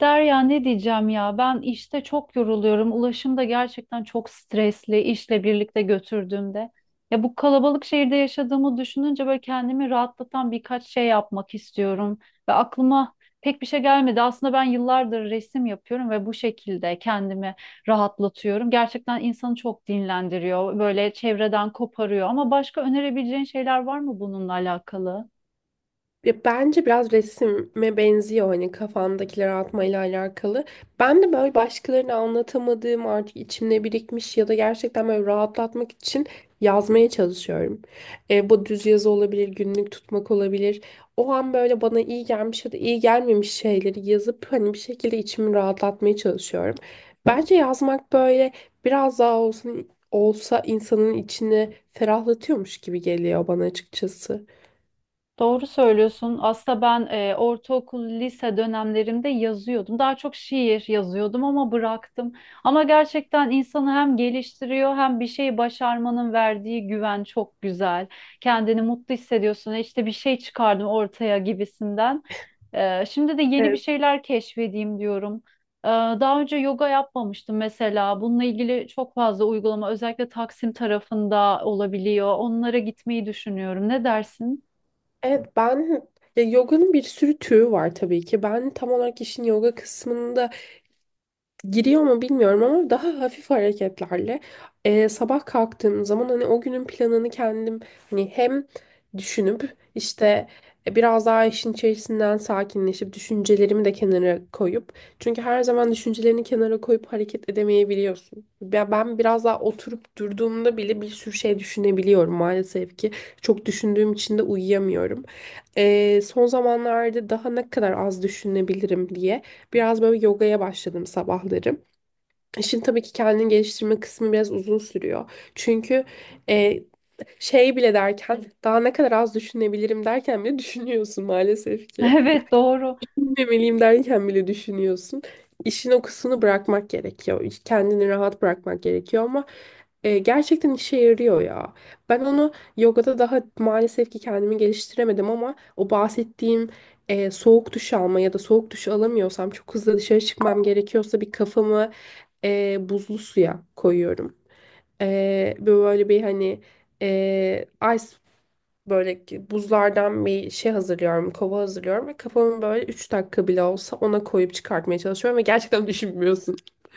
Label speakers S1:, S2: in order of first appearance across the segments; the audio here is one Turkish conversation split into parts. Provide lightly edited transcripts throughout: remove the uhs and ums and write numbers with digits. S1: Derya ne diyeceğim ya ben işte çok yoruluyorum. Ulaşım da gerçekten çok stresli işle birlikte götürdüğümde. Ya bu kalabalık şehirde yaşadığımı düşününce böyle kendimi rahatlatan birkaç şey yapmak istiyorum. Ve aklıma pek bir şey gelmedi. Aslında ben yıllardır resim yapıyorum ve bu şekilde kendimi rahatlatıyorum. Gerçekten insanı çok dinlendiriyor. Böyle çevreden koparıyor. Ama başka önerebileceğin şeyler var mı bununla alakalı?
S2: Ya bence biraz resime benziyor hani kafamdakileri atmayla alakalı. Ben de böyle başkalarına anlatamadığım artık içimde birikmiş ya da gerçekten böyle rahatlatmak için yazmaya çalışıyorum. Bu düz yazı olabilir, günlük tutmak olabilir. O an böyle bana iyi gelmiş ya da iyi gelmemiş şeyleri yazıp hani bir şekilde içimi rahatlatmaya çalışıyorum. Bence yazmak böyle biraz daha olsun olsa insanın içini ferahlatıyormuş gibi geliyor bana açıkçası.
S1: Doğru söylüyorsun. Aslında ben ortaokul, lise dönemlerimde yazıyordum. Daha çok şiir yazıyordum ama bıraktım. Ama gerçekten insanı hem geliştiriyor hem bir şeyi başarmanın verdiği güven çok güzel. Kendini mutlu hissediyorsun. E İşte bir şey çıkardım ortaya gibisinden. Şimdi de yeni bir şeyler keşfedeyim diyorum. Daha önce yoga yapmamıştım mesela. Bununla ilgili çok fazla uygulama özellikle Taksim tarafında olabiliyor. Onlara gitmeyi düşünüyorum. Ne dersin?
S2: Evet, ben ya yoganın bir sürü türü var tabii ki. Ben tam olarak işin yoga kısmında giriyor mu bilmiyorum, ama daha hafif hareketlerle sabah kalktığım zaman hani o günün planını kendim hani hem düşünüp işte biraz daha işin içerisinden sakinleşip düşüncelerimi de kenara koyup çünkü her zaman düşüncelerini kenara koyup hareket edemeyebiliyorsun. Ben biraz daha oturup durduğumda bile bir sürü şey düşünebiliyorum maalesef ki çok düşündüğüm için de uyuyamıyorum. Son zamanlarda daha ne kadar az düşünebilirim diye. Biraz böyle yogaya başladım sabahları. İşin tabii ki kendini geliştirme kısmı biraz uzun sürüyor. Çünkü e, şey bile derken daha ne kadar az düşünebilirim derken bile düşünüyorsun maalesef ki
S1: Evet, doğru.
S2: demeliyim derken bile düşünüyorsun. İşin o kısmını bırakmak gerekiyor. Kendini rahat bırakmak gerekiyor, ama gerçekten işe yarıyor ya. Ben onu yogada daha maalesef ki kendimi geliştiremedim, ama o bahsettiğim soğuk duş alma ya da soğuk duş alamıyorsam çok hızlı dışarı çıkmam gerekiyorsa bir kafamı buzlu suya koyuyorum. Böyle bir hani e, ice böyle ki buzlardan bir şey hazırlıyorum, kova hazırlıyorum ve kafamı böyle 3 dakika bile olsa ona koyup çıkartmaya çalışıyorum ve gerçekten düşünmüyorsun.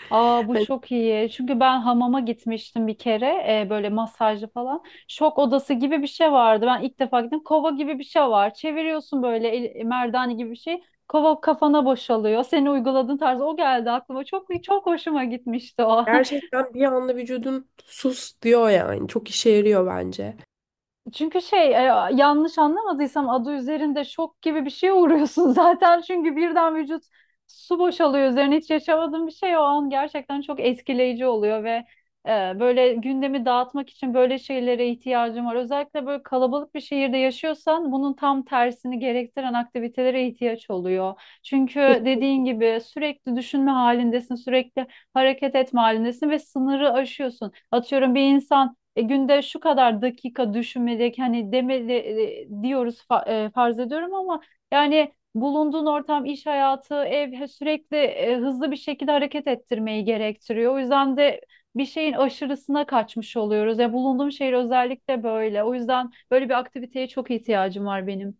S1: Aa, bu
S2: Hani
S1: çok iyi. Çünkü ben hamama gitmiştim bir kere, böyle masajlı falan. Şok odası gibi bir şey vardı. Ben ilk defa gittim. Kova gibi bir şey var. Çeviriyorsun böyle merdane gibi bir şey. Kova kafana boşalıyor. Seni uyguladığın tarz o geldi aklıma. Çok çok hoşuma gitmişti o.
S2: gerçekten bir anda vücudun sus diyor yani. Çok işe yarıyor bence.
S1: Çünkü yanlış anlamadıysam adı üzerinde şok gibi bir şeye uğruyorsun zaten. Çünkü birden vücut su boşalıyor üzerine, hiç yaşamadığın bir şey o an gerçekten çok etkileyici oluyor ve e, böyle gündemi dağıtmak için böyle şeylere ihtiyacım var. Özellikle böyle kalabalık bir şehirde yaşıyorsan bunun tam tersini gerektiren aktivitelere ihtiyaç oluyor. Çünkü dediğin gibi sürekli düşünme halindesin, sürekli hareket etme halindesin ve sınırı aşıyorsun. Atıyorum bir insan günde şu kadar dakika düşünmelik hani demeli diyoruz farz ediyorum ama yani bulunduğun ortam, iş hayatı, sürekli hızlı bir şekilde hareket ettirmeyi gerektiriyor. O yüzden de bir şeyin aşırısına kaçmış oluyoruz. Ya bulunduğum şehir özellikle böyle. O yüzden böyle bir aktiviteye çok ihtiyacım var benim.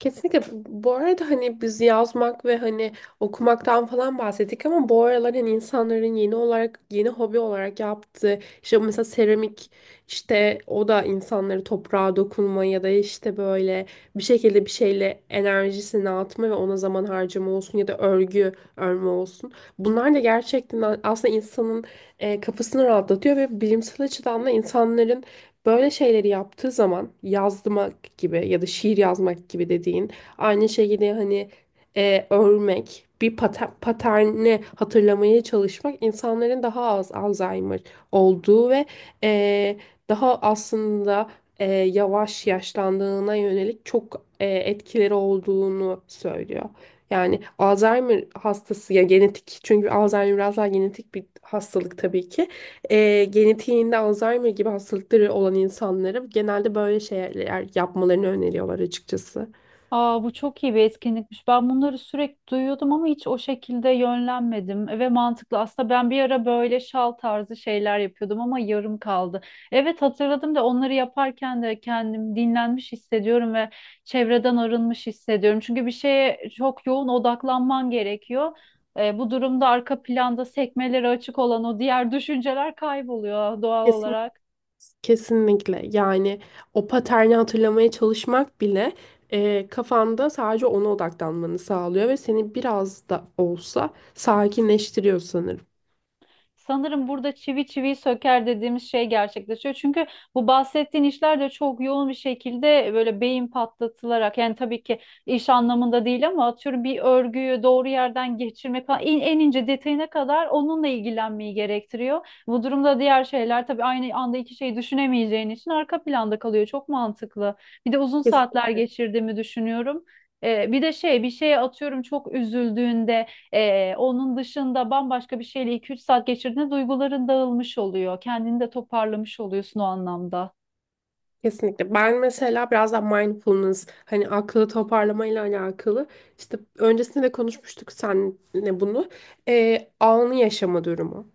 S2: Kesinlikle. Bu arada hani biz yazmak ve hani okumaktan falan bahsettik, ama bu aralar hani insanların yeni olarak yeni hobi olarak yaptığı işte mesela seramik işte o da insanları toprağa dokunma ya da işte böyle bir şekilde bir şeyle enerjisini atma ve ona zaman harcama olsun ya da örgü örme olsun. Bunlar da gerçekten aslında insanın kafasını rahatlatıyor ve bilimsel açıdan da insanların böyle şeyleri yaptığı zaman yazmak gibi ya da şiir yazmak gibi dediğin aynı şekilde hani örmek bir paterni hatırlamaya çalışmak insanların daha az Alzheimer olduğu ve e, daha aslında yavaş yaşlandığına yönelik çok etkileri olduğunu söylüyor. Yani Alzheimer hastası ya genetik çünkü Alzheimer biraz daha genetik bir hastalık tabii ki genetiğinde Alzheimer gibi hastalıkları olan insanları genelde böyle şeyler yapmalarını öneriyorlar açıkçası.
S1: Aa, bu çok iyi bir etkinlikmiş. Ben bunları sürekli duyuyordum ama hiç o şekilde yönlenmedim ve mantıklı. Aslında ben bir ara böyle şal tarzı şeyler yapıyordum ama yarım kaldı. Evet, hatırladım da onları yaparken de kendim dinlenmiş hissediyorum ve çevreden arınmış hissediyorum. Çünkü bir şeye çok yoğun odaklanman gerekiyor. Bu durumda arka planda sekmeleri açık olan o diğer düşünceler kayboluyor doğal
S2: Kesin,
S1: olarak.
S2: Kesinlikle. Yani o paterni hatırlamaya çalışmak bile kafanda sadece ona odaklanmanı sağlıyor ve seni biraz da olsa sakinleştiriyor sanırım.
S1: Sanırım burada çivi çiviyi söker dediğimiz şey gerçekleşiyor. Çünkü bu bahsettiğin işler de çok yoğun bir şekilde böyle beyin patlatılarak, yani tabii ki iş anlamında değil, ama atıyorum bir örgüyü doğru yerden geçirmek falan en, en ince detayına kadar onunla ilgilenmeyi gerektiriyor. Bu durumda diğer şeyler tabii aynı anda iki şeyi düşünemeyeceğin için arka planda kalıyor. Çok mantıklı. Bir de uzun saatler geçirdiğimi düşünüyorum. Bir de bir şeye atıyorum çok üzüldüğünde, onun dışında bambaşka bir şeyle iki üç saat geçirdiğinde duyguların dağılmış oluyor. Kendini de toparlamış oluyorsun o anlamda.
S2: Kesinlikle. Ben mesela biraz da mindfulness, hani aklı toparlamayla alakalı. İşte öncesinde de konuşmuştuk seninle bunu. Anı yaşama durumu.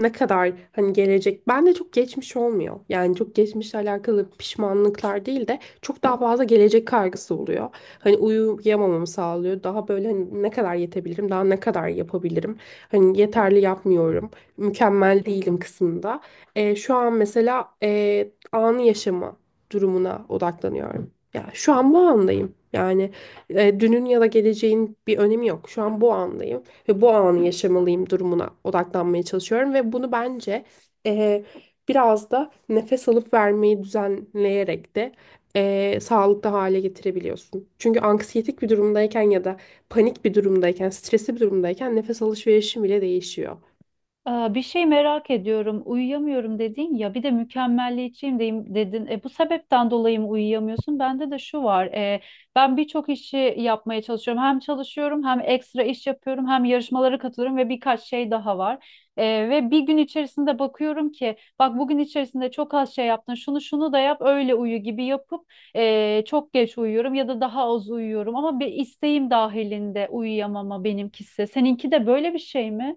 S2: Ne kadar hani gelecek. Ben de çok geçmiş olmuyor. Yani çok geçmişle alakalı pişmanlıklar değil de çok daha fazla gelecek kaygısı oluyor. Hani uyuyamamamı sağlıyor. Daha böyle hani ne kadar yetebilirim, daha ne kadar yapabilirim. Hani yeterli yapmıyorum. Mükemmel değilim kısmında. Şu an mesela anı yaşama durumuna odaklanıyorum. Yani şu an bu andayım. Yani dünün ya da geleceğin bir önemi yok. Şu an bu andayım ve bu anı yaşamalıyım durumuna odaklanmaya çalışıyorum ve bunu bence e, biraz da nefes alıp vermeyi düzenleyerek de sağlıklı hale getirebiliyorsun. Çünkü anksiyetik bir durumdayken ya da panik bir durumdayken, stresli bir durumdayken nefes alışverişin bile değişiyor.
S1: Aa, bir şey merak ediyorum. Uyuyamıyorum dedin ya. Bir de mükemmelliyetçiyim deyim dedin. E, bu sebepten dolayı mı uyuyamıyorsun? Bende de şu var. Ben birçok işi yapmaya çalışıyorum. Hem çalışıyorum, hem ekstra iş yapıyorum, hem yarışmalara katılıyorum ve birkaç şey daha var. Ve bir gün içerisinde bakıyorum ki, bak bugün içerisinde çok az şey yaptın. Şunu şunu da yap, öyle uyu gibi yapıp çok geç uyuyorum ya da daha az uyuyorum. Ama bir isteğim dahilinde uyuyamama benimkisi. Seninki de böyle bir şey mi?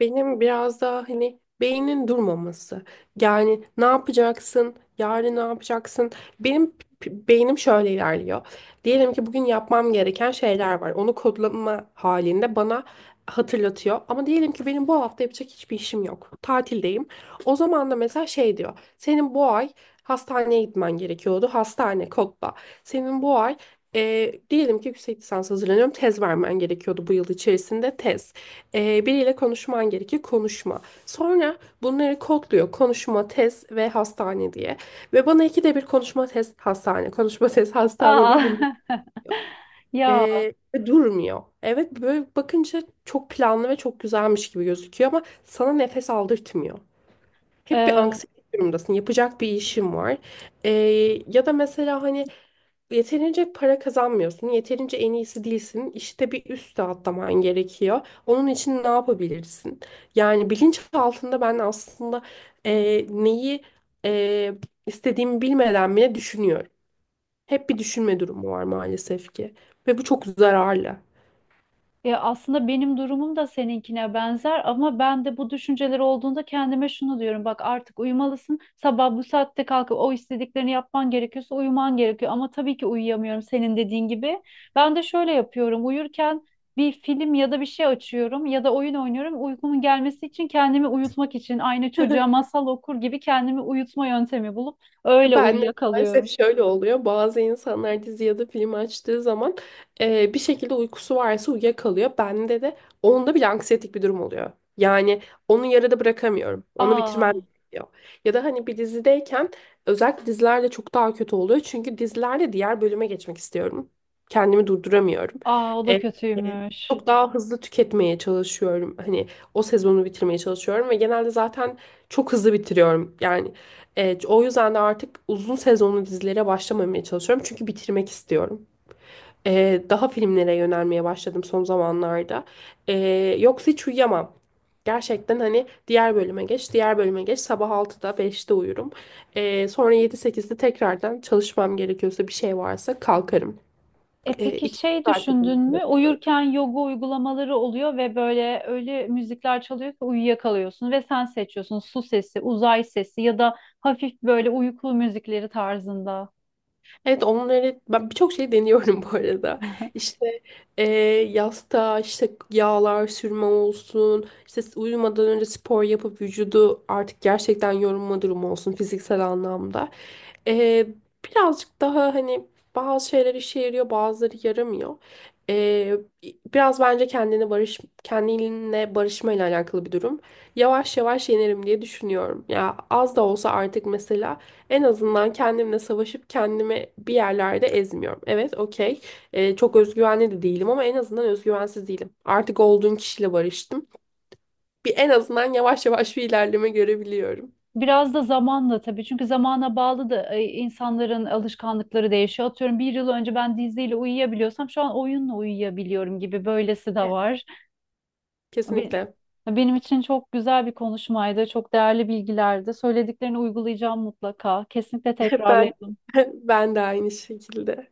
S2: Benim biraz daha hani beynin durmaması. Yani ne yapacaksın? Yarın ne yapacaksın? Benim beynim şöyle ilerliyor. Diyelim ki bugün yapmam gereken şeyler var. Onu kodlama halinde bana hatırlatıyor. Ama diyelim ki benim bu hafta yapacak hiçbir işim yok. Tatildeyim. O zaman da mesela şey diyor. Senin bu ay hastaneye gitmen gerekiyordu. Hastane kodla. Senin bu ay diyelim ki yüksek lisans hazırlanıyorum. Tez vermen gerekiyordu bu yıl içerisinde. Tez. Biriyle konuşman gerekiyor. Konuşma. Sonra bunları kodluyor. Konuşma, tez ve hastane diye. Ve bana ikide bir konuşma, tez, hastane. Konuşma, tez, hastane diye bunu
S1: Aa. Ya,
S2: ve durmuyor. Evet, böyle bakınca çok planlı ve çok güzelmiş gibi gözüküyor, ama sana nefes aldırtmıyor. Hep bir
S1: e,
S2: anksiyete durumdasın. Yapacak bir işim var. Ee, Ya da mesela hani yeterince para kazanmıyorsun, yeterince en iyisi değilsin. İşte bir üste atlaman gerekiyor. Onun için ne yapabilirsin? Yani bilinç altında ben aslında neyi e, istediğimi bilmeden bile düşünüyorum. Hep bir düşünme durumu var maalesef ki. Ve bu çok zararlı.
S1: ya aslında benim durumum da seninkine benzer ama ben de bu düşünceler olduğunda kendime şunu diyorum. Bak artık uyumalısın. Sabah bu saatte kalkıp o istediklerini yapman gerekiyorsa uyuman gerekiyor. Ama tabii ki uyuyamıyorum senin dediğin gibi. Ben de şöyle yapıyorum. Uyurken bir film ya da bir şey açıyorum ya da oyun oynuyorum. Uykumun gelmesi için, kendimi uyutmak için, aynı çocuğa masal okur gibi kendimi uyutma yöntemi bulup öyle
S2: Ben de maalesef
S1: uyuyakalıyorum.
S2: şöyle oluyor. Bazı insanlar dizi ya da film açtığı zaman bir şekilde uykusu varsa uyuyakalıyor. Bende de onda bile anksiyetik bir durum oluyor. Yani onu yarıda bırakamıyorum. Onu bitirmem
S1: Aa,
S2: gerekiyor. Ya da hani bir dizideyken özellikle dizilerde çok daha kötü oluyor. Çünkü dizilerde diğer bölüme geçmek istiyorum. Kendimi durduramıyorum.
S1: aa, o da
S2: E, e,
S1: kötüymüş.
S2: Çok daha hızlı tüketmeye çalışıyorum. Hani o sezonu bitirmeye çalışıyorum ve genelde zaten çok hızlı bitiriyorum. Yani evet, o yüzden de artık uzun sezonlu dizilere başlamamaya çalışıyorum. Çünkü bitirmek istiyorum. Daha filmlere yönelmeye başladım son zamanlarda. Yoksa hiç uyuyamam. Gerçekten hani diğer bölüme geç, diğer bölüme geç. Sabah 6'da 5'te uyurum. Sonra 7 8'de tekrardan çalışmam gerekiyorsa bir şey varsa kalkarım.
S1: E peki
S2: İki
S1: şey
S2: saatlik
S1: düşündün
S2: uyku.
S1: mü? Uyurken yoga uygulamaları oluyor ve böyle öyle müzikler çalıyor ki uyuyakalıyorsun ve sen seçiyorsun: su sesi, uzay sesi ya da hafif böyle uykulu müzikleri tarzında.
S2: Evet, onları ben birçok şey deniyorum bu arada. İşte e, yastığa işte yağlar sürme olsun. İşte uyumadan önce spor yapıp vücudu artık gerçekten yorulma durumu olsun fiziksel anlamda. E, Birazcık daha hani bazı şeyler işe yarıyor bazıları yaramıyor. E, Biraz bence kendine barış kendinle barışmayla alakalı bir durum. Yavaş yavaş yenerim diye düşünüyorum. Ya az da olsa artık mesela en azından kendimle savaşıp kendimi bir yerlerde ezmiyorum. Evet, okey. Çok özgüvenli de değilim, ama en azından özgüvensiz değilim. Artık olduğum kişiyle barıştım. Bir en azından yavaş yavaş bir ilerleme görebiliyorum.
S1: Biraz da zamanla tabii, çünkü zamana bağlı da insanların alışkanlıkları değişiyor. Atıyorum bir yıl önce ben diziyle uyuyabiliyorsam şu an oyunla uyuyabiliyorum gibi, böylesi de
S2: Evet.
S1: var. Be-
S2: Kesinlikle.
S1: Benim için çok güzel bir konuşmaydı, çok değerli bilgilerdi. Söylediklerini uygulayacağım mutlaka. Kesinlikle
S2: Hep ben
S1: tekrarlayalım.
S2: ben de aynı şekilde.